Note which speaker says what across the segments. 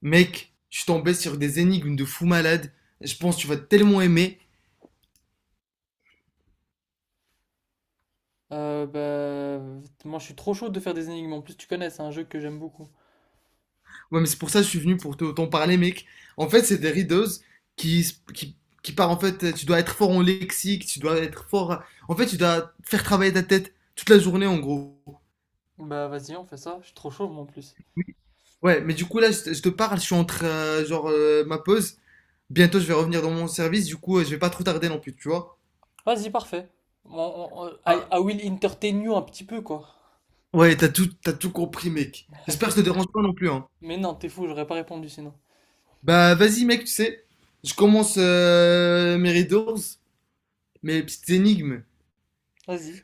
Speaker 1: Mec, je suis tombé sur des énigmes de fou malade. Je pense que tu vas tellement aimer.
Speaker 2: Euh, bah, moi je suis trop chaud de faire des énigmes en plus, tu connais, c'est un jeu que j'aime beaucoup.
Speaker 1: Ouais, mais c'est pour ça que je suis venu pour t'en parler, mec. En fait, c'est des rideuses qui, qui, qui part en fait. Tu dois être fort en lexique, tu dois être fort. En fait, tu dois faire travailler ta tête toute la journée, en gros.
Speaker 2: Bah vas-y, on fait ça, je suis trop chaud moi en plus.
Speaker 1: Ouais, mais du coup, là, je te parle, je suis entre, genre, ma pause. Bientôt, je vais revenir dans mon service. Du coup, je vais pas trop tarder non plus, tu vois.
Speaker 2: Vas-y, parfait. I, I
Speaker 1: Bah,
Speaker 2: will entertain you un petit peu quoi.
Speaker 1: ouais, t'as tout compris, mec. J'espère que ça te dérange pas non plus, hein.
Speaker 2: Mais non, t'es fou, j'aurais pas répondu sinon.
Speaker 1: Bah vas-y mec, tu sais, je commence mes riddles, mes petites énigmes.
Speaker 2: Vas-y.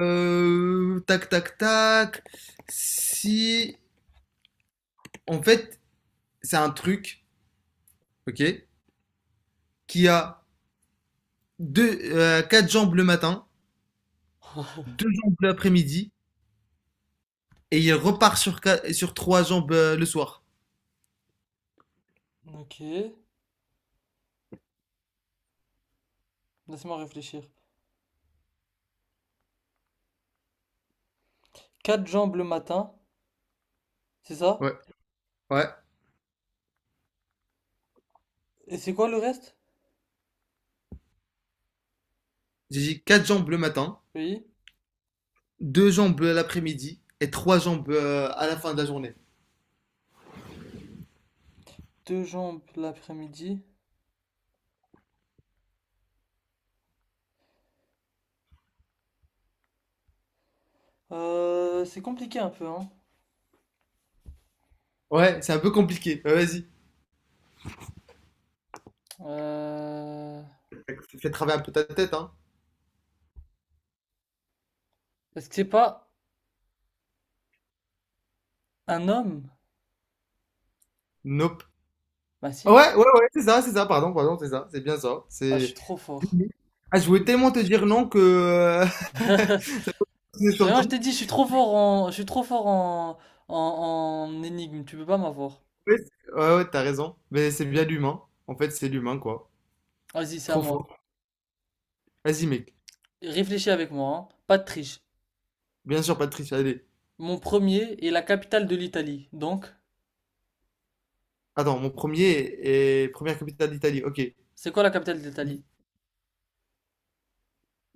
Speaker 1: Tac tac tac. Si en fait c'est un truc, ok, qui a quatre jambes le matin, deux jambes l'après-midi et il repart sur sur trois jambes le soir.
Speaker 2: Ok, laisse-moi réfléchir. Quatre jambes le matin, c'est ça?
Speaker 1: Ouais, ouais.
Speaker 2: Et c'est quoi le reste?
Speaker 1: J'ai dit quatre jambes le matin,
Speaker 2: Oui.
Speaker 1: deux jambes l'après-midi et trois jambes à la fin de la journée.
Speaker 2: Deux jambes l'après-midi. C'est compliqué un peu, hein.
Speaker 1: Ouais, c'est un peu compliqué. Ouais, vas-y,
Speaker 2: Euh...
Speaker 1: fais travailler un peu ta tête, hein.
Speaker 2: Est-ce que c'est pas un homme?
Speaker 1: Nope.
Speaker 2: Bah si.
Speaker 1: Ouais, ouais, ouais, c'est ça, pardon, pardon, c'est ça, c'est bien ça.
Speaker 2: Ah, je suis
Speaker 1: C'est.
Speaker 2: trop fort.
Speaker 1: Ah, je voulais tellement te dire non que c'est
Speaker 2: Mais moi je
Speaker 1: sorti.
Speaker 2: t'ai dit, je suis trop fort en, en énigme, tu peux pas m'avoir.
Speaker 1: Ouais, ouais, ouais, t'as raison. Mais c'est bien l'humain. En fait, c'est l'humain, quoi.
Speaker 2: Vas-y, c'est à
Speaker 1: Trop
Speaker 2: moi.
Speaker 1: fort. Vas-y, mec.
Speaker 2: Réfléchis avec moi, hein. Pas de triche.
Speaker 1: Bien sûr, Patrice, allez.
Speaker 2: Mon premier est la capitale de l'Italie. Donc,
Speaker 1: Attends, mon premier est première capitale d'Italie. Ok.
Speaker 2: c'est quoi la capitale de
Speaker 1: I.
Speaker 2: l'Italie?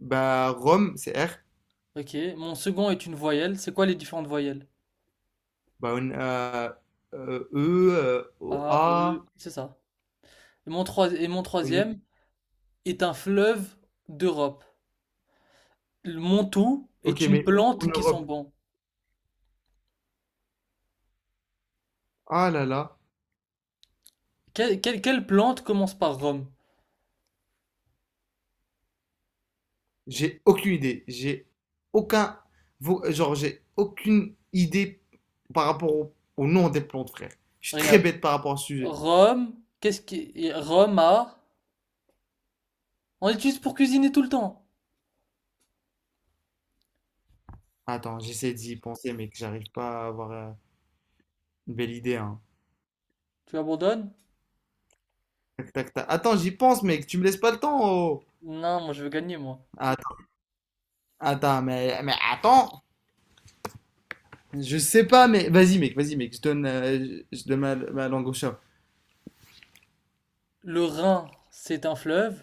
Speaker 1: Bah, Rome, c'est R.
Speaker 2: Ok. Mon second est une voyelle. C'est quoi les différentes voyelles?
Speaker 1: Bah, E, O,
Speaker 2: A,
Speaker 1: A.
Speaker 2: E, c'est ça. Et mon troisième est un fleuve d'Europe. Le Montou
Speaker 1: Ok,
Speaker 2: est une
Speaker 1: mais où en
Speaker 2: plante qui sent
Speaker 1: Europe?
Speaker 2: bon.
Speaker 1: Ah là là.
Speaker 2: Quelle plante commence par Rome?
Speaker 1: J'ai aucune idée. J'ai aucun. Genre, j'ai aucune idée par rapport au nom des plantes, frère. Je suis très
Speaker 2: Regarde.
Speaker 1: bête par rapport au sujet.
Speaker 2: Rome, qu'est-ce qui... et Roma, on l'utilise pour cuisiner tout le temps.
Speaker 1: Attends, j'essaie d'y penser, mec. J'arrive pas à avoir une belle idée, hein.
Speaker 2: Tu abandonnes?
Speaker 1: Tac, tac, tac. Attends, j'y pense, mec. Tu me laisses pas le temps, oh.
Speaker 2: Non, moi je veux gagner, moi.
Speaker 1: Attends, attends, mais attends. Je sais pas, mais vas-y, mec. Vas-y, mec. Je donne, je donne ma langue au chat.
Speaker 2: Le Rhin, c'est un fleuve.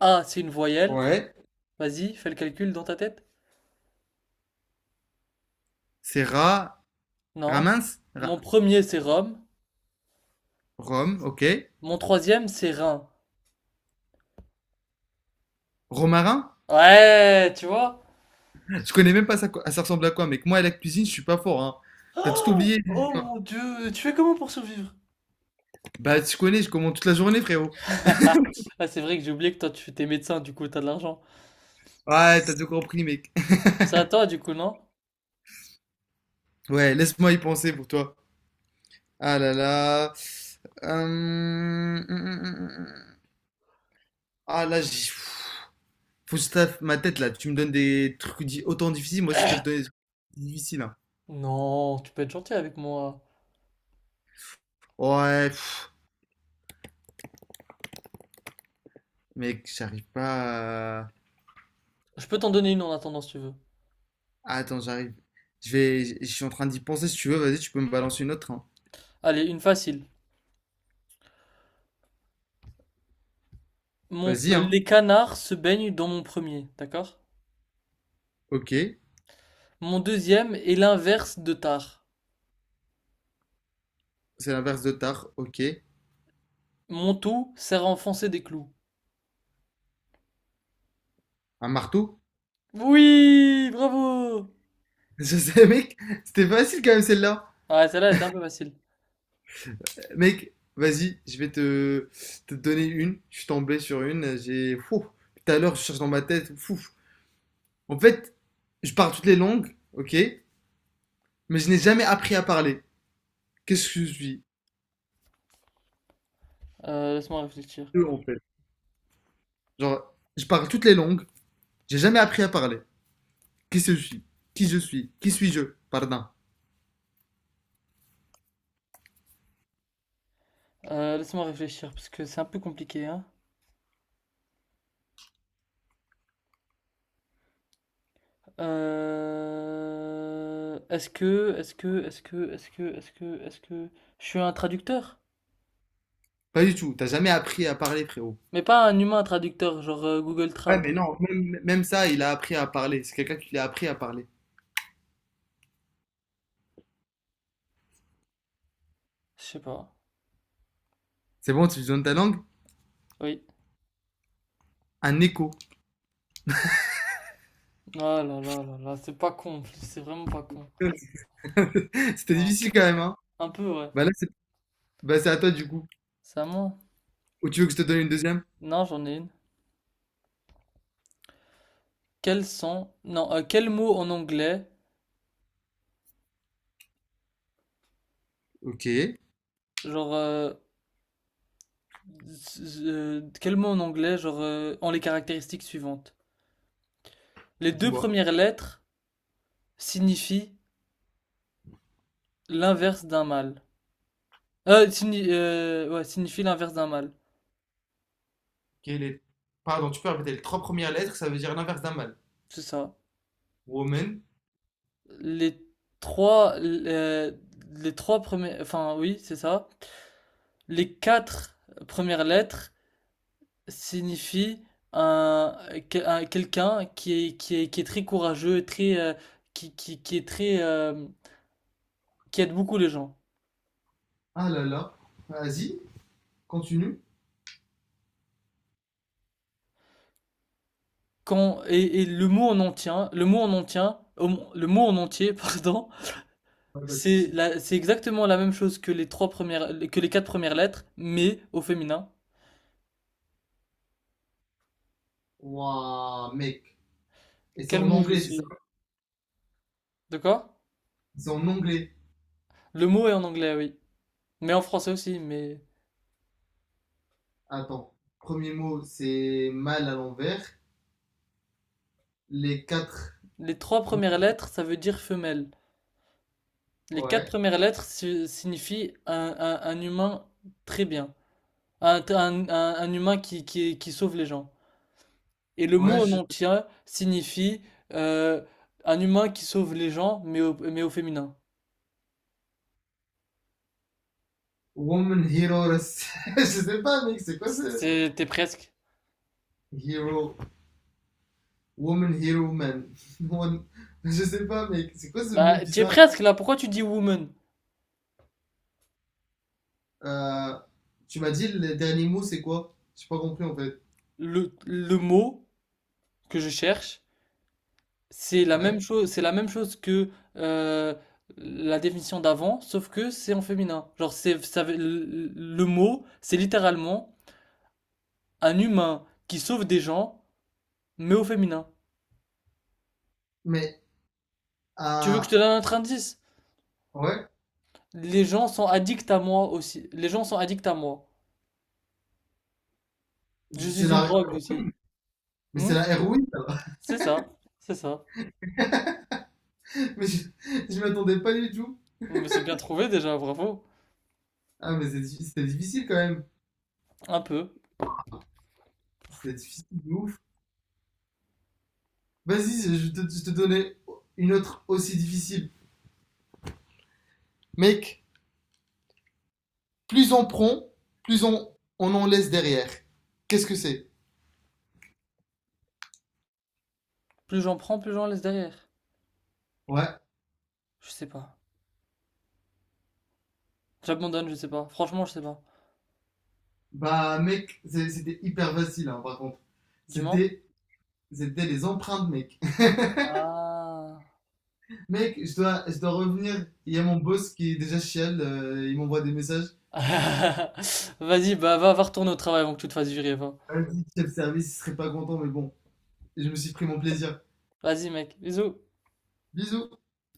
Speaker 2: A, c'est une voyelle.
Speaker 1: Ouais.
Speaker 2: Vas-y, fais le calcul dans ta tête.
Speaker 1: C'est ra.
Speaker 2: Non.
Speaker 1: Ramins?
Speaker 2: Mon
Speaker 1: Ra-
Speaker 2: premier, c'est Rome.
Speaker 1: Rome, ok.
Speaker 2: Mon troisième, c'est Rhin.
Speaker 1: Romarin?
Speaker 2: Ouais, tu vois?
Speaker 1: Je connais même pas ça, quoi- Ah, ça ressemble à quoi, mec. Moi, à la cuisine, je suis pas fort, hein. T'as tout oublié.
Speaker 2: Oh mon Dieu, tu fais comment pour survivre?
Speaker 1: Bah, tu connais, je commande toute la journée, frérot.
Speaker 2: Ah, c'est vrai que j'ai oublié que toi, tu t'es médecin, du coup, t'as de l'argent.
Speaker 1: Ouais, t'as tout compris, mec.
Speaker 2: C'est à toi, du coup, non?
Speaker 1: Ouais, laisse-moi y penser pour toi. Ah là là. Hum, hum, hum, hum. Ah là, j'ai... pff, faut que je taffe ma tête, là. Tu me donnes des trucs autant difficiles, moi aussi, je dois te donner des trucs difficiles, hein.
Speaker 2: Non, tu peux être gentil avec moi.
Speaker 1: Ouais, pff, mec, j'arrive pas à...
Speaker 2: Je peux t'en donner une en attendant, si tu veux.
Speaker 1: Attends, j'arrive. Je vais... Je suis en train d'y penser, si tu veux, vas-y, tu peux me balancer une autre, hein.
Speaker 2: Allez, une facile.
Speaker 1: Vas-y, hein.
Speaker 2: Les canards se baignent dans mon premier, d'accord?
Speaker 1: Ok.
Speaker 2: Mon deuxième est l'inverse de tard.
Speaker 1: C'est l'inverse de tard, ok.
Speaker 2: Mon tout sert à enfoncer des clous.
Speaker 1: Un marteau?
Speaker 2: Oui, bravo!
Speaker 1: Je sais, mec, c'était facile quand même celle-là.
Speaker 2: Ah, celle-là elle était un peu facile.
Speaker 1: Mec, vas-y, te donner une. Je suis tombé sur une. J'ai. Fou. Tout à l'heure, je cherche dans ma tête. Fou. En fait, je parle toutes les langues, ok, mais je n'ai jamais appris à parler. Qu'est-ce que je suis?
Speaker 2: Laisse-moi réfléchir.
Speaker 1: Eux, en fait. Genre, je parle toutes les langues, j'ai jamais appris à parler. Qu'est-ce que je suis? Qui je suis? Qui suis-je? Pardon.
Speaker 2: Laisse-moi réfléchir, parce que c'est un peu compliqué, hein. Est-ce que, est-ce que, est-ce que, est-ce que, est-ce que, Est-ce que je suis un traducteur?
Speaker 1: Pas du tout. T'as jamais appris à parler, frérot.
Speaker 2: Mais pas un humain traducteur, genre Google
Speaker 1: Ouais,
Speaker 2: Trad.
Speaker 1: mais non, même ça, il a appris à parler. C'est quelqu'un qui l'a appris à parler.
Speaker 2: Je sais pas.
Speaker 1: C'est bon, tu lui donnes ta langue?
Speaker 2: Oui.
Speaker 1: Un écho.
Speaker 2: Oh là là là là, c'est pas con, en plus, c'est vraiment pas con.
Speaker 1: C'était
Speaker 2: Ah,
Speaker 1: difficile quand même, hein?
Speaker 2: un peu, ouais.
Speaker 1: Bah là, c'est Bah, c'est à toi du coup.
Speaker 2: C'est à moi?
Speaker 1: Ou tu veux que je te donne une deuxième?
Speaker 2: Non, j'en ai une. Quels sont... Non, quel mot en anglais,
Speaker 1: Ok,
Speaker 2: genre... z- Quel mot en anglais, ont les caractéristiques suivantes? Les deux
Speaker 1: dis-moi.
Speaker 2: premières lettres signifient l'inverse d'un mâle. Signifie l'inverse d'un mâle.
Speaker 1: Quelle est... Pardon, tu peux répéter les trois premières lettres, ça veut dire l'inverse d'un mâle.
Speaker 2: C'est ça.
Speaker 1: Woman.
Speaker 2: Les trois... euh, les trois premières... Enfin, Oui, c'est ça. Les quatre premières lettres signifie un, quelqu'un qui est, qui est très courageux, qui est très, qui aide beaucoup les gens.
Speaker 1: Ah là là. Vas-y, continue.
Speaker 2: Et le mot en entier, hein, le mot en entier, pardon,
Speaker 1: Pas de soucis.
Speaker 2: c'est exactement la même chose que les quatre premières lettres, mais au féminin.
Speaker 1: Ouah, mec. Et c'est
Speaker 2: Quel
Speaker 1: en
Speaker 2: mot je
Speaker 1: anglais, c'est ça?
Speaker 2: suis? D'accord?
Speaker 1: C'est en anglais.
Speaker 2: Le mot est en anglais, oui. Mais en français aussi, mais
Speaker 1: Attends. Premier mot, c'est mâle à l'envers. Les quatre.
Speaker 2: les trois premières lettres, ça veut dire femelle. Les quatre
Speaker 1: Ouais.
Speaker 2: premières lettres signifient un humain très bien, un humain qui sauve les gens. Et le mot
Speaker 1: Ouais,
Speaker 2: en
Speaker 1: je...
Speaker 2: entier signifie euh, un humain qui sauve les gens, mais au féminin.
Speaker 1: Woman heroes. Je sais pas, mec, c'est quoi ça?
Speaker 2: T'es presque.
Speaker 1: Hero, woman, hero, man. Woman- je sais pas, mec. C'est quoi ce mot
Speaker 2: Bah, t'es
Speaker 1: bizarre?
Speaker 2: presque là. Pourquoi tu dis woman?
Speaker 1: Euh, Tu m'as dit le dernier mot, c'est quoi? J'ai pas compris en fait.
Speaker 2: Le mot que je cherche, c'est la même
Speaker 1: Ouais.
Speaker 2: chose, c'est la même chose que euh, la définition d'avant, sauf que c'est en féminin. Le le mot, c'est littéralement. Un humain qui sauve des gens, mais au féminin.
Speaker 1: Mais,
Speaker 2: Tu veux que je te
Speaker 1: ah,
Speaker 2: donne un autre indice?
Speaker 1: ouais.
Speaker 2: Les gens sont addicts à moi aussi. Les gens sont addicts à moi. Je
Speaker 1: C'est
Speaker 2: suis une
Speaker 1: la,
Speaker 2: drogue aussi.
Speaker 1: mais
Speaker 2: Hmm.
Speaker 1: c'est la héroïne, alors.
Speaker 2: C'est ça, c'est ça.
Speaker 1: Mais je, je m'attendais pas du tout.
Speaker 2: Mais c'est bien trouvé déjà, bravo.
Speaker 1: Ah, mais c'était difficile quand même.
Speaker 2: Un peu.
Speaker 1: C'était difficile de ouf. Vas-y, je te donnais une autre aussi difficile. Mec, plus on prend, plus on, on en laisse derrière. Qu'est-ce que c'est?
Speaker 2: Plus j'en prends, plus j'en laisse derrière.
Speaker 1: Ouais.
Speaker 2: Je sais pas. J'abandonne, je sais pas. Franchement, je sais pas.
Speaker 1: Bah, mec, c'était hyper facile, hein, par contre.
Speaker 2: Dis-moi.
Speaker 1: C'était, c'était les empreintes, mec.
Speaker 2: Ah.
Speaker 1: Mec, je dois revenir. Il y a mon boss qui est déjà chial, il m'envoie des messages.
Speaker 2: Vas-y, bah va retourner au travail avant que tu te fasses virer, va.
Speaker 1: Vas-y, chef service, il serait pas content, mais bon, je me suis pris mon plaisir.
Speaker 2: Vas-y, mec. Bisous.
Speaker 1: Bisous.